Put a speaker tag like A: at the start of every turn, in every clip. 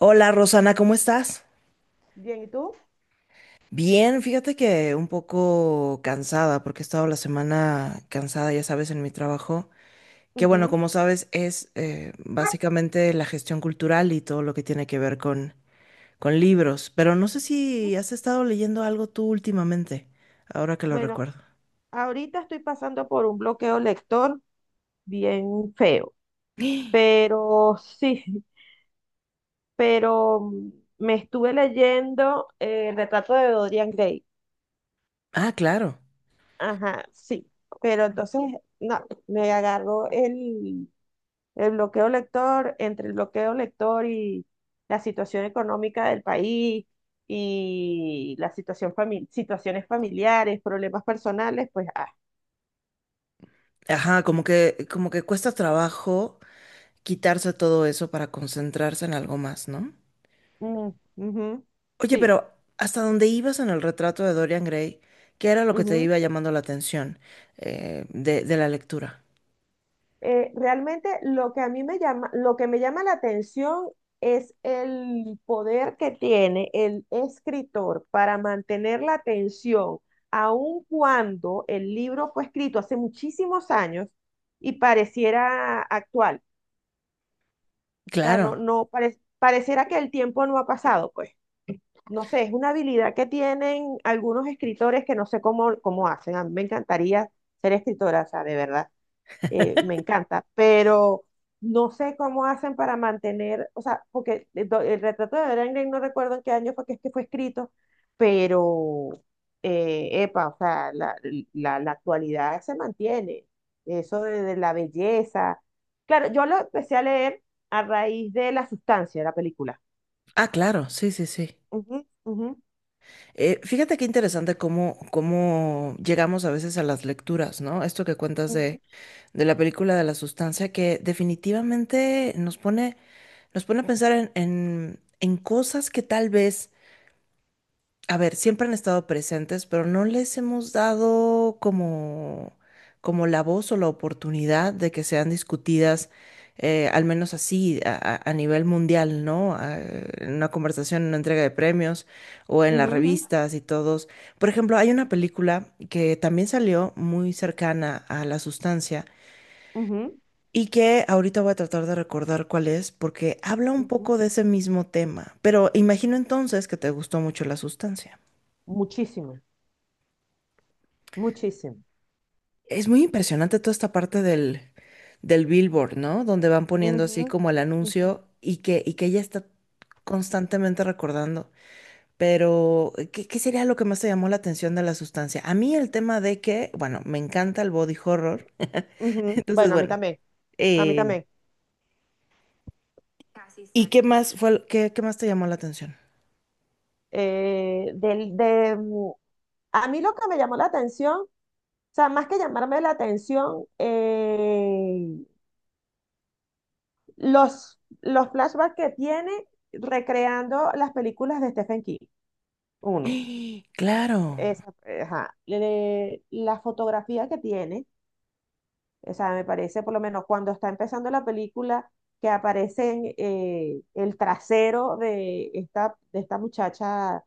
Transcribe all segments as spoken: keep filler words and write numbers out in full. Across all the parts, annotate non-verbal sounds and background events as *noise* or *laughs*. A: Hola Rosana, ¿cómo estás?
B: Bien, ¿y tú?
A: Bien, fíjate que un poco cansada porque he estado la semana cansada, ya sabes, en mi trabajo, que bueno,
B: Ujú.
A: como sabes, es eh, básicamente la gestión cultural y todo lo que tiene que ver con, con libros, pero no sé si has estado leyendo algo tú últimamente, ahora que lo
B: Bueno,
A: recuerdo.
B: ahorita estoy pasando por un bloqueo lector bien feo, pero sí, pero mm, me estuve leyendo eh, El retrato de Dorian Gray.
A: Ah, claro.
B: Ajá, sí, pero entonces, no, me agarró el, el bloqueo lector, entre el bloqueo lector y la situación económica del país y la situación fami- situaciones familiares, problemas personales, pues ah,
A: Ajá, como que, como que cuesta trabajo quitarse todo eso para concentrarse en algo más, ¿no?
B: Mm, ujú.
A: Oye,
B: Sí.
A: pero hasta donde ibas en el retrato de Dorian Gray, ¿qué era lo que te
B: Ujú.
A: iba llamando la atención eh, de, de la lectura?
B: Eh, realmente lo que a mí me llama, lo que me llama la atención es el poder que tiene el escritor para mantener la atención, aun cuando el libro fue escrito hace muchísimos años y pareciera actual. O sea, no,
A: Claro.
B: no pare- pareciera que el tiempo no ha pasado, pues. No sé, es una habilidad que tienen algunos escritores que no sé cómo, cómo hacen. A mí me encantaría ser escritora, o sea, de verdad. Eh, me encanta, pero no sé cómo hacen para mantener, o sea, porque el, do- el retrato de Dorian Gray no recuerdo en qué año fue que, es que fue escrito, pero, eh, epa, o sea, la, la- la actualidad se mantiene, eso de, de la belleza. Claro, yo lo empecé a leer a raíz de La Sustancia de la película.
A: Ah, claro, sí, sí, sí.
B: Ujú, ujú,
A: Eh, fíjate qué interesante cómo, cómo llegamos a veces a las lecturas, ¿no? Esto que cuentas
B: ujú,
A: de, de la película de la sustancia, que definitivamente nos pone, nos pone a pensar en, en, en cosas que tal vez a ver, siempre han estado presentes, pero no les hemos dado como, como la voz o la oportunidad de que sean discutidas, eh, al menos así, a, a- a nivel mundial, ¿no? A- en una conversación, en una entrega de premios o en las
B: ujú,
A: revistas y todos. Por ejemplo, hay una película que también salió muy cercana a La Sustancia
B: ujú, ujú,
A: y que ahorita voy a tratar de recordar cuál es, porque habla un
B: ujú.
A: poco de ese mismo tema, pero imagino entonces que te gustó mucho La Sustancia.
B: Muchísimo, muchísimo.
A: Es muy impresionante toda esta parte del, del billboard, ¿no? Donde van poniendo
B: Ujú,
A: así como el
B: ujú,
A: anuncio y que, y que ella está constantemente recordando. Pero, ¿qué, ¿qué sería lo que más te llamó la atención de la sustancia? A mí el tema de que, bueno, me encanta el body horror. *laughs*
B: ujú.
A: Entonces,
B: Bueno, a mí
A: bueno,
B: también, a mí
A: eh,
B: también.
A: ¿y qué más fue, el- qué, qué más te llamó la atención?
B: Eh, del, de, mm, a mí lo que me llamó la atención, o sea, más que llamarme la atención, eh, los, los flashbacks que tiene recreando las películas de Stephen King,
A: *gasps*
B: uno,
A: ¡Ah! Claro,
B: esa, ajá, le- la fotografía que tiene, o sea, me parece por lo menos cuando está empezando la película, que aparece eh, el trasero de esta, de esta muchacha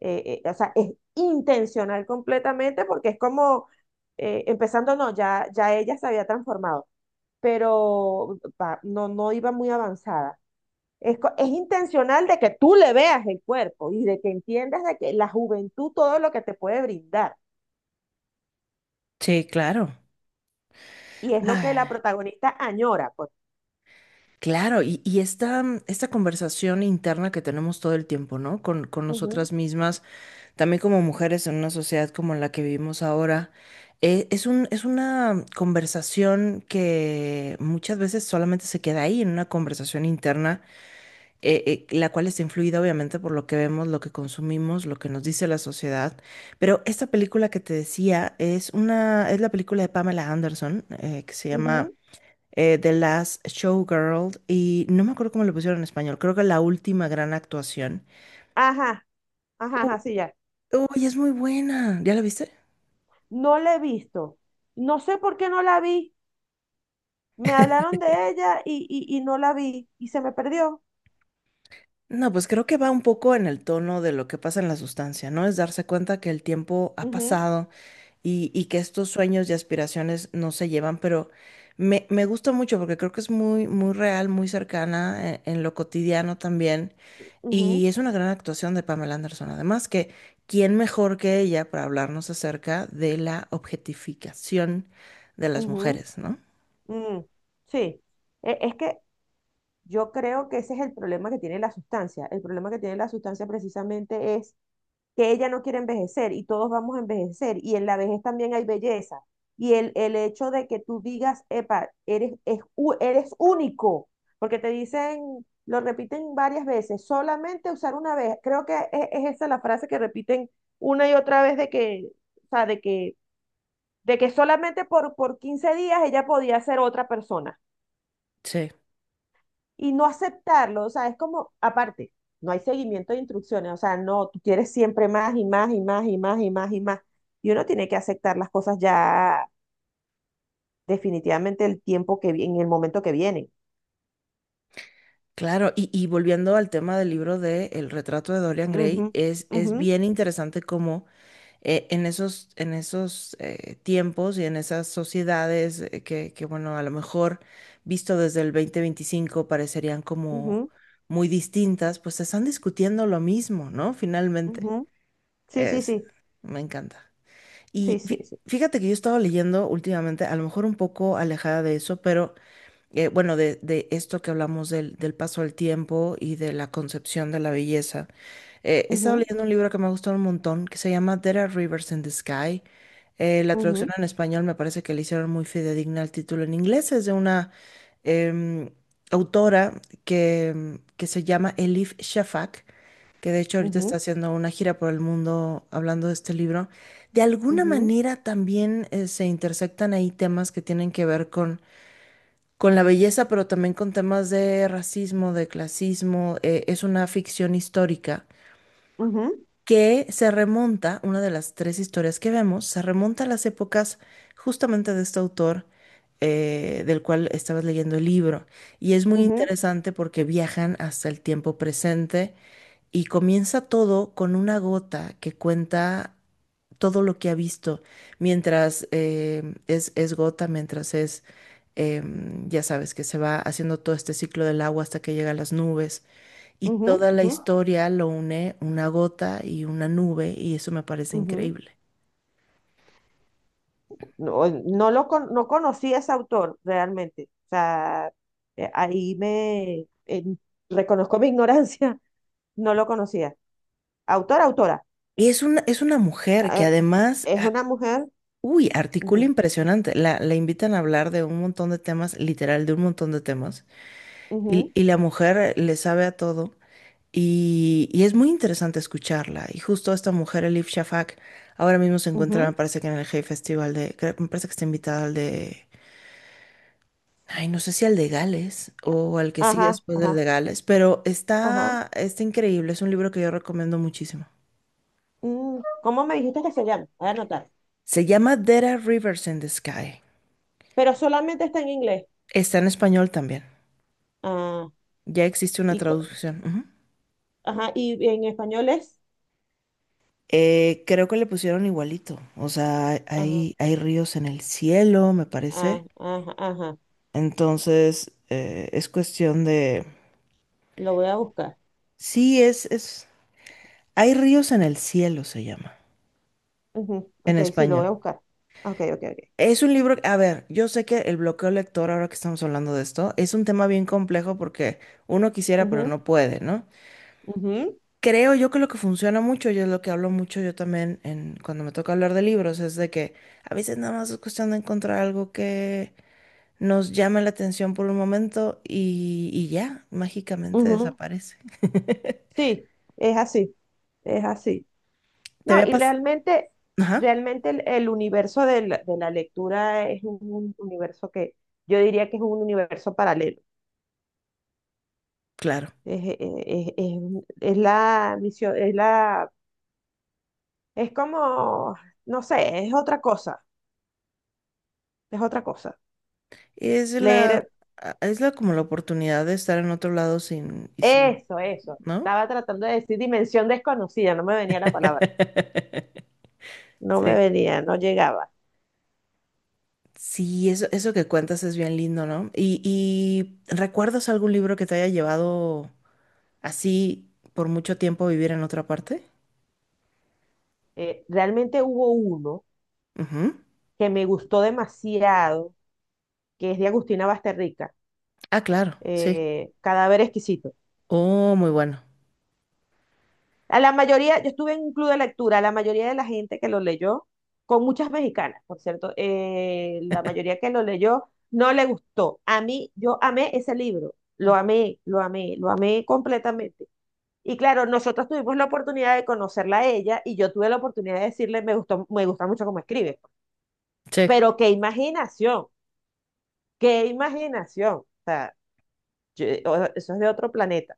B: eh, eh, o sea, es intencional completamente porque es como, eh, empezando, no, ya, ya ella se había transformado, pero pa- no, no iba muy avanzada. Es, co- es intencional de que tú le veas el cuerpo y de que entiendas de que la juventud todo lo que te puede brindar.
A: sí, claro.
B: Y es lo que la
A: Ah,
B: protagonista añora, pues.
A: claro, y, y esta, esta conversación interna que tenemos todo el tiempo, ¿no? Con, con
B: Ujú,
A: nosotras mismas también como mujeres en una sociedad como la que vivimos ahora, eh, es un, es una conversación que muchas veces solamente se queda ahí, en una conversación interna, eh, eh, la cual está influida obviamente por lo que vemos, lo que consumimos, lo que nos dice la sociedad. Pero esta película que te decía es una, es la película de Pamela Anderson, eh, que se llama
B: ujú.
A: eh, The Last Showgirl, y no me acuerdo cómo le pusieron en español, creo que la última gran actuación.
B: Ajá, ajá,
A: U-
B: ajá, sí, ya.
A: Uy, es muy buena. ¿Ya la viste?
B: No la he visto. No sé por qué no la vi. Me hablaron de ella y, y, y no la vi y se me perdió.
A: No, pues creo que va un poco en el tono de lo que pasa en la sustancia, ¿no? Es darse cuenta que el tiempo ha
B: Ujú.
A: pasado y, y que estos sueños y aspiraciones no se llevan, pero me, me gusta mucho porque creo que es muy, muy real, muy cercana en, en lo cotidiano también. Y
B: Ujú,
A: es una gran actuación de Pamela Anderson. Además, que quién mejor que ella para hablarnos acerca de la objetificación de las
B: ujú,
A: mujeres, ¿no?
B: mm, sí. E- es que yo creo que ese es el problema que tiene La Sustancia. El problema que tiene La Sustancia precisamente es que ella no quiere envejecer y todos vamos a envejecer y en la vejez también hay belleza. Y el, el hecho de que tú digas, epa, eres, es u- eres único, porque te dicen, lo repiten varias veces, solamente usar una vez. Creo que es, es esa la frase que repiten una y otra vez de que, o sea, de que de que solamente por, por quince días ella podía ser otra persona y no aceptarlo, o sea, es como, aparte, no hay seguimiento de instrucciones, o sea, no, tú quieres siempre más y más y más y más y más y más. Y uno tiene que aceptar las cosas ya definitivamente el tiempo que vi- en el momento que viene.
A: Claro, y, y volviendo al tema del libro de El retrato de Dorian
B: Ujú,
A: Gray, es, es
B: ujú,
A: bien interesante cómo eh, en esos, en esos eh, tiempos y en esas sociedades eh, que, que, bueno, a lo mejor visto desde el dos mil veinticinco parecerían como
B: ujú,
A: muy distintas, pues están discutiendo lo mismo, ¿no? Finalmente,
B: ujú. Sí, sí,
A: es,
B: sí,
A: me encanta.
B: sí,
A: Y
B: sí,
A: fí-
B: sí.
A: fíjate que yo estaba leyendo últimamente, a lo mejor un poco alejada de eso, pero eh, bueno, de, de esto que hablamos del, del paso del tiempo y de la concepción de la belleza. Eh, he estado
B: Ujú,
A: leyendo un libro que me ha gustado un montón, que se llama There Are Rivers in the Sky. Eh, la traducción
B: ujú,
A: en español me parece que le hicieron muy fidedigna al título en inglés. Es de una em, autora que, em, que se llama Elif Shafak, que de hecho ahorita está
B: ujú,
A: haciendo una gira por el mundo hablando de este libro. De alguna
B: ujú,
A: manera también eh, se intersectan ahí temas que tienen que ver con con la belleza, pero también con temas de racismo, de clasismo. Eh, es una ficción histórica
B: ujú,
A: que se remonta, una de las tres historias que vemos, se remonta a las épocas justamente de este autor eh, del cual estabas leyendo el libro. Y es muy
B: ujú,
A: interesante porque viajan hasta el tiempo presente y comienza todo con una gota que cuenta todo lo que ha visto, mientras eh, es, es gota, mientras es em, ya sabes que se va haciendo todo este ciclo del agua hasta que llega a las nubes y
B: ujú,
A: toda la
B: ujú,
A: historia lo une una gota y una nube y eso me parece
B: ujú.
A: increíble.
B: No, no lo con- no conocí a ese autor realmente. O sea, eh, ahí me eh, reconozco mi ignorancia, *laughs* no lo conocía. Autor, autora.
A: Y es una, es una mujer que
B: Eh,
A: además,
B: es
A: ah,
B: una mujer.
A: uy, articula
B: Ujú,
A: impresionante. La, la invitan a hablar de un montón de temas, literal, de un montón de temas. Y,
B: ujú,
A: y la mujer le sabe a todo. Y, y es muy interesante escucharla. Y justo esta mujer, Elif Shafak, ahora mismo se encuentra, me
B: ujú,
A: parece que en el Hey Festival de, creo- me parece que está invitada al de Ay, no sé si al de Gales o al que sigue
B: ajá,
A: después del
B: ajá,
A: de Gales, pero
B: ajá.
A: está, está increíble. Es un libro que yo recomiendo muchísimo.
B: Mm, ¿cómo me dijiste que se llama? Voy a anotar.
A: Se llama There Are Rivers in the Sky.
B: Pero solamente está en inglés.
A: Está en español también.
B: Ah,
A: Ya existe una
B: y, co-
A: traducción. Ujú.
B: ajá, y en español es.
A: Eh, creo que le pusieron igualito. O sea,
B: Ajá,
A: hay, hay ríos en el cielo, me
B: ah,
A: parece.
B: ajá, ajá.
A: Entonces, eh, es cuestión de...
B: Lo voy a buscar.
A: Sí, es, es... Hay ríos en el cielo, se llama,
B: Ujú,
A: en
B: ok, sí, lo voy
A: español.
B: a buscar. Ok, ok, ok.
A: Es un libro, a ver, yo sé que el bloqueo lector, ahora que estamos hablando de esto, es un tema bien complejo porque uno quisiera, pero
B: Ujú,
A: no puede, ¿no?
B: ujú.
A: Creo yo que lo que funciona mucho, y es lo que hablo mucho yo también en, cuando me toca hablar de libros, es de que a veces nada más es cuestión de encontrar algo que nos llame la atención por un momento y, y ya, mágicamente
B: Ujú,
A: desaparece.
B: sí, es así, es así.
A: ¿Te
B: No,
A: había
B: y
A: pasado?
B: realmente,
A: Ajá,
B: realmente el, el universo de la, de la lectura es un, un universo que yo diría que es un universo paralelo.
A: claro.
B: Es, es, es- es- es la misión, es la, es como, no sé, es otra cosa, es otra cosa.
A: Es la,
B: Leer
A: a- es la como la oportunidad de estar en otro lado sin, y sin,
B: eso, eso.
A: ¿no?
B: Estaba tratando de decir dimensión desconocida, no me venía la palabra,
A: *laughs*
B: no me
A: Sí.
B: venía, no llegaba.
A: Sí, eso, eso que cuentas es bien lindo, ¿no? Y, y ¿recuerdas algún libro que te haya llevado así por mucho tiempo a vivir en otra parte?
B: Eh, realmente hubo uno
A: Ujú.
B: que me gustó demasiado que es de Agustina Basterrica,
A: Ah, claro, sí.
B: eh, Cadáver Exquisito.
A: Oh, muy bueno.
B: A la mayoría, yo estuve en un club de lectura, la mayoría de la gente que lo leyó, con muchas mexicanas, por cierto, eh, la mayoría que lo leyó no le gustó. A mí, yo amé ese libro, lo amé, lo amé, lo amé completamente. Y claro, nosotros tuvimos la oportunidad de conocerla a ella y yo tuve la oportunidad de decirle, me gustó, me gusta mucho cómo escribe.
A: Sí.
B: Pero qué imaginación, qué imaginación. O sea, yo- o- eso es de otro planeta.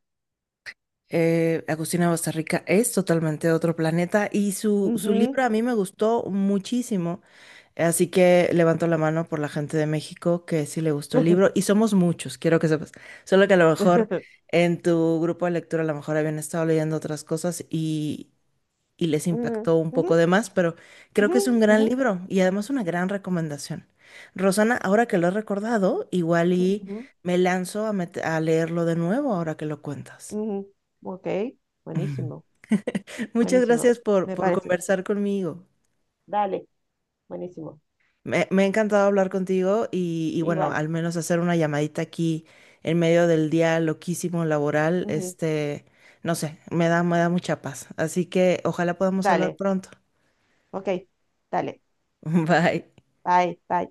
A: Eh, Agustina Bastarrica es totalmente otro planeta y su, su libro
B: Ujú.
A: a mí me gustó muchísimo. Así que levanto la mano por la gente de México que sí le gustó el libro y somos muchos, quiero que sepas. Solo que a lo mejor
B: *laughs*
A: en tu grupo de lectura a lo mejor habían estado leyendo otras cosas y, y les
B: Ujú,
A: impactó un
B: ujú,
A: poco de más, pero creo
B: ujú,
A: que es un gran
B: ujú,
A: libro y además una gran recomendación. Rosana, ahora que lo he recordado, igual y
B: ujú,
A: me lanzo a, met- a leerlo de nuevo ahora que lo cuentas.
B: ujú. Ok, buenísimo,
A: *laughs* Muchas
B: buenísimo,
A: gracias por,
B: me
A: por
B: parece.
A: conversar conmigo.
B: Dale, buenísimo,
A: Me, me ha encantado hablar contigo y, y bueno,
B: igual.
A: al menos hacer una llamadita aquí en medio del día loquísimo laboral,
B: Ujú,
A: este, no sé, me da, me da mucha paz. Así que ojalá podamos hablar
B: dale,
A: pronto.
B: ok, dale,
A: *laughs* Bye.
B: bye, bye.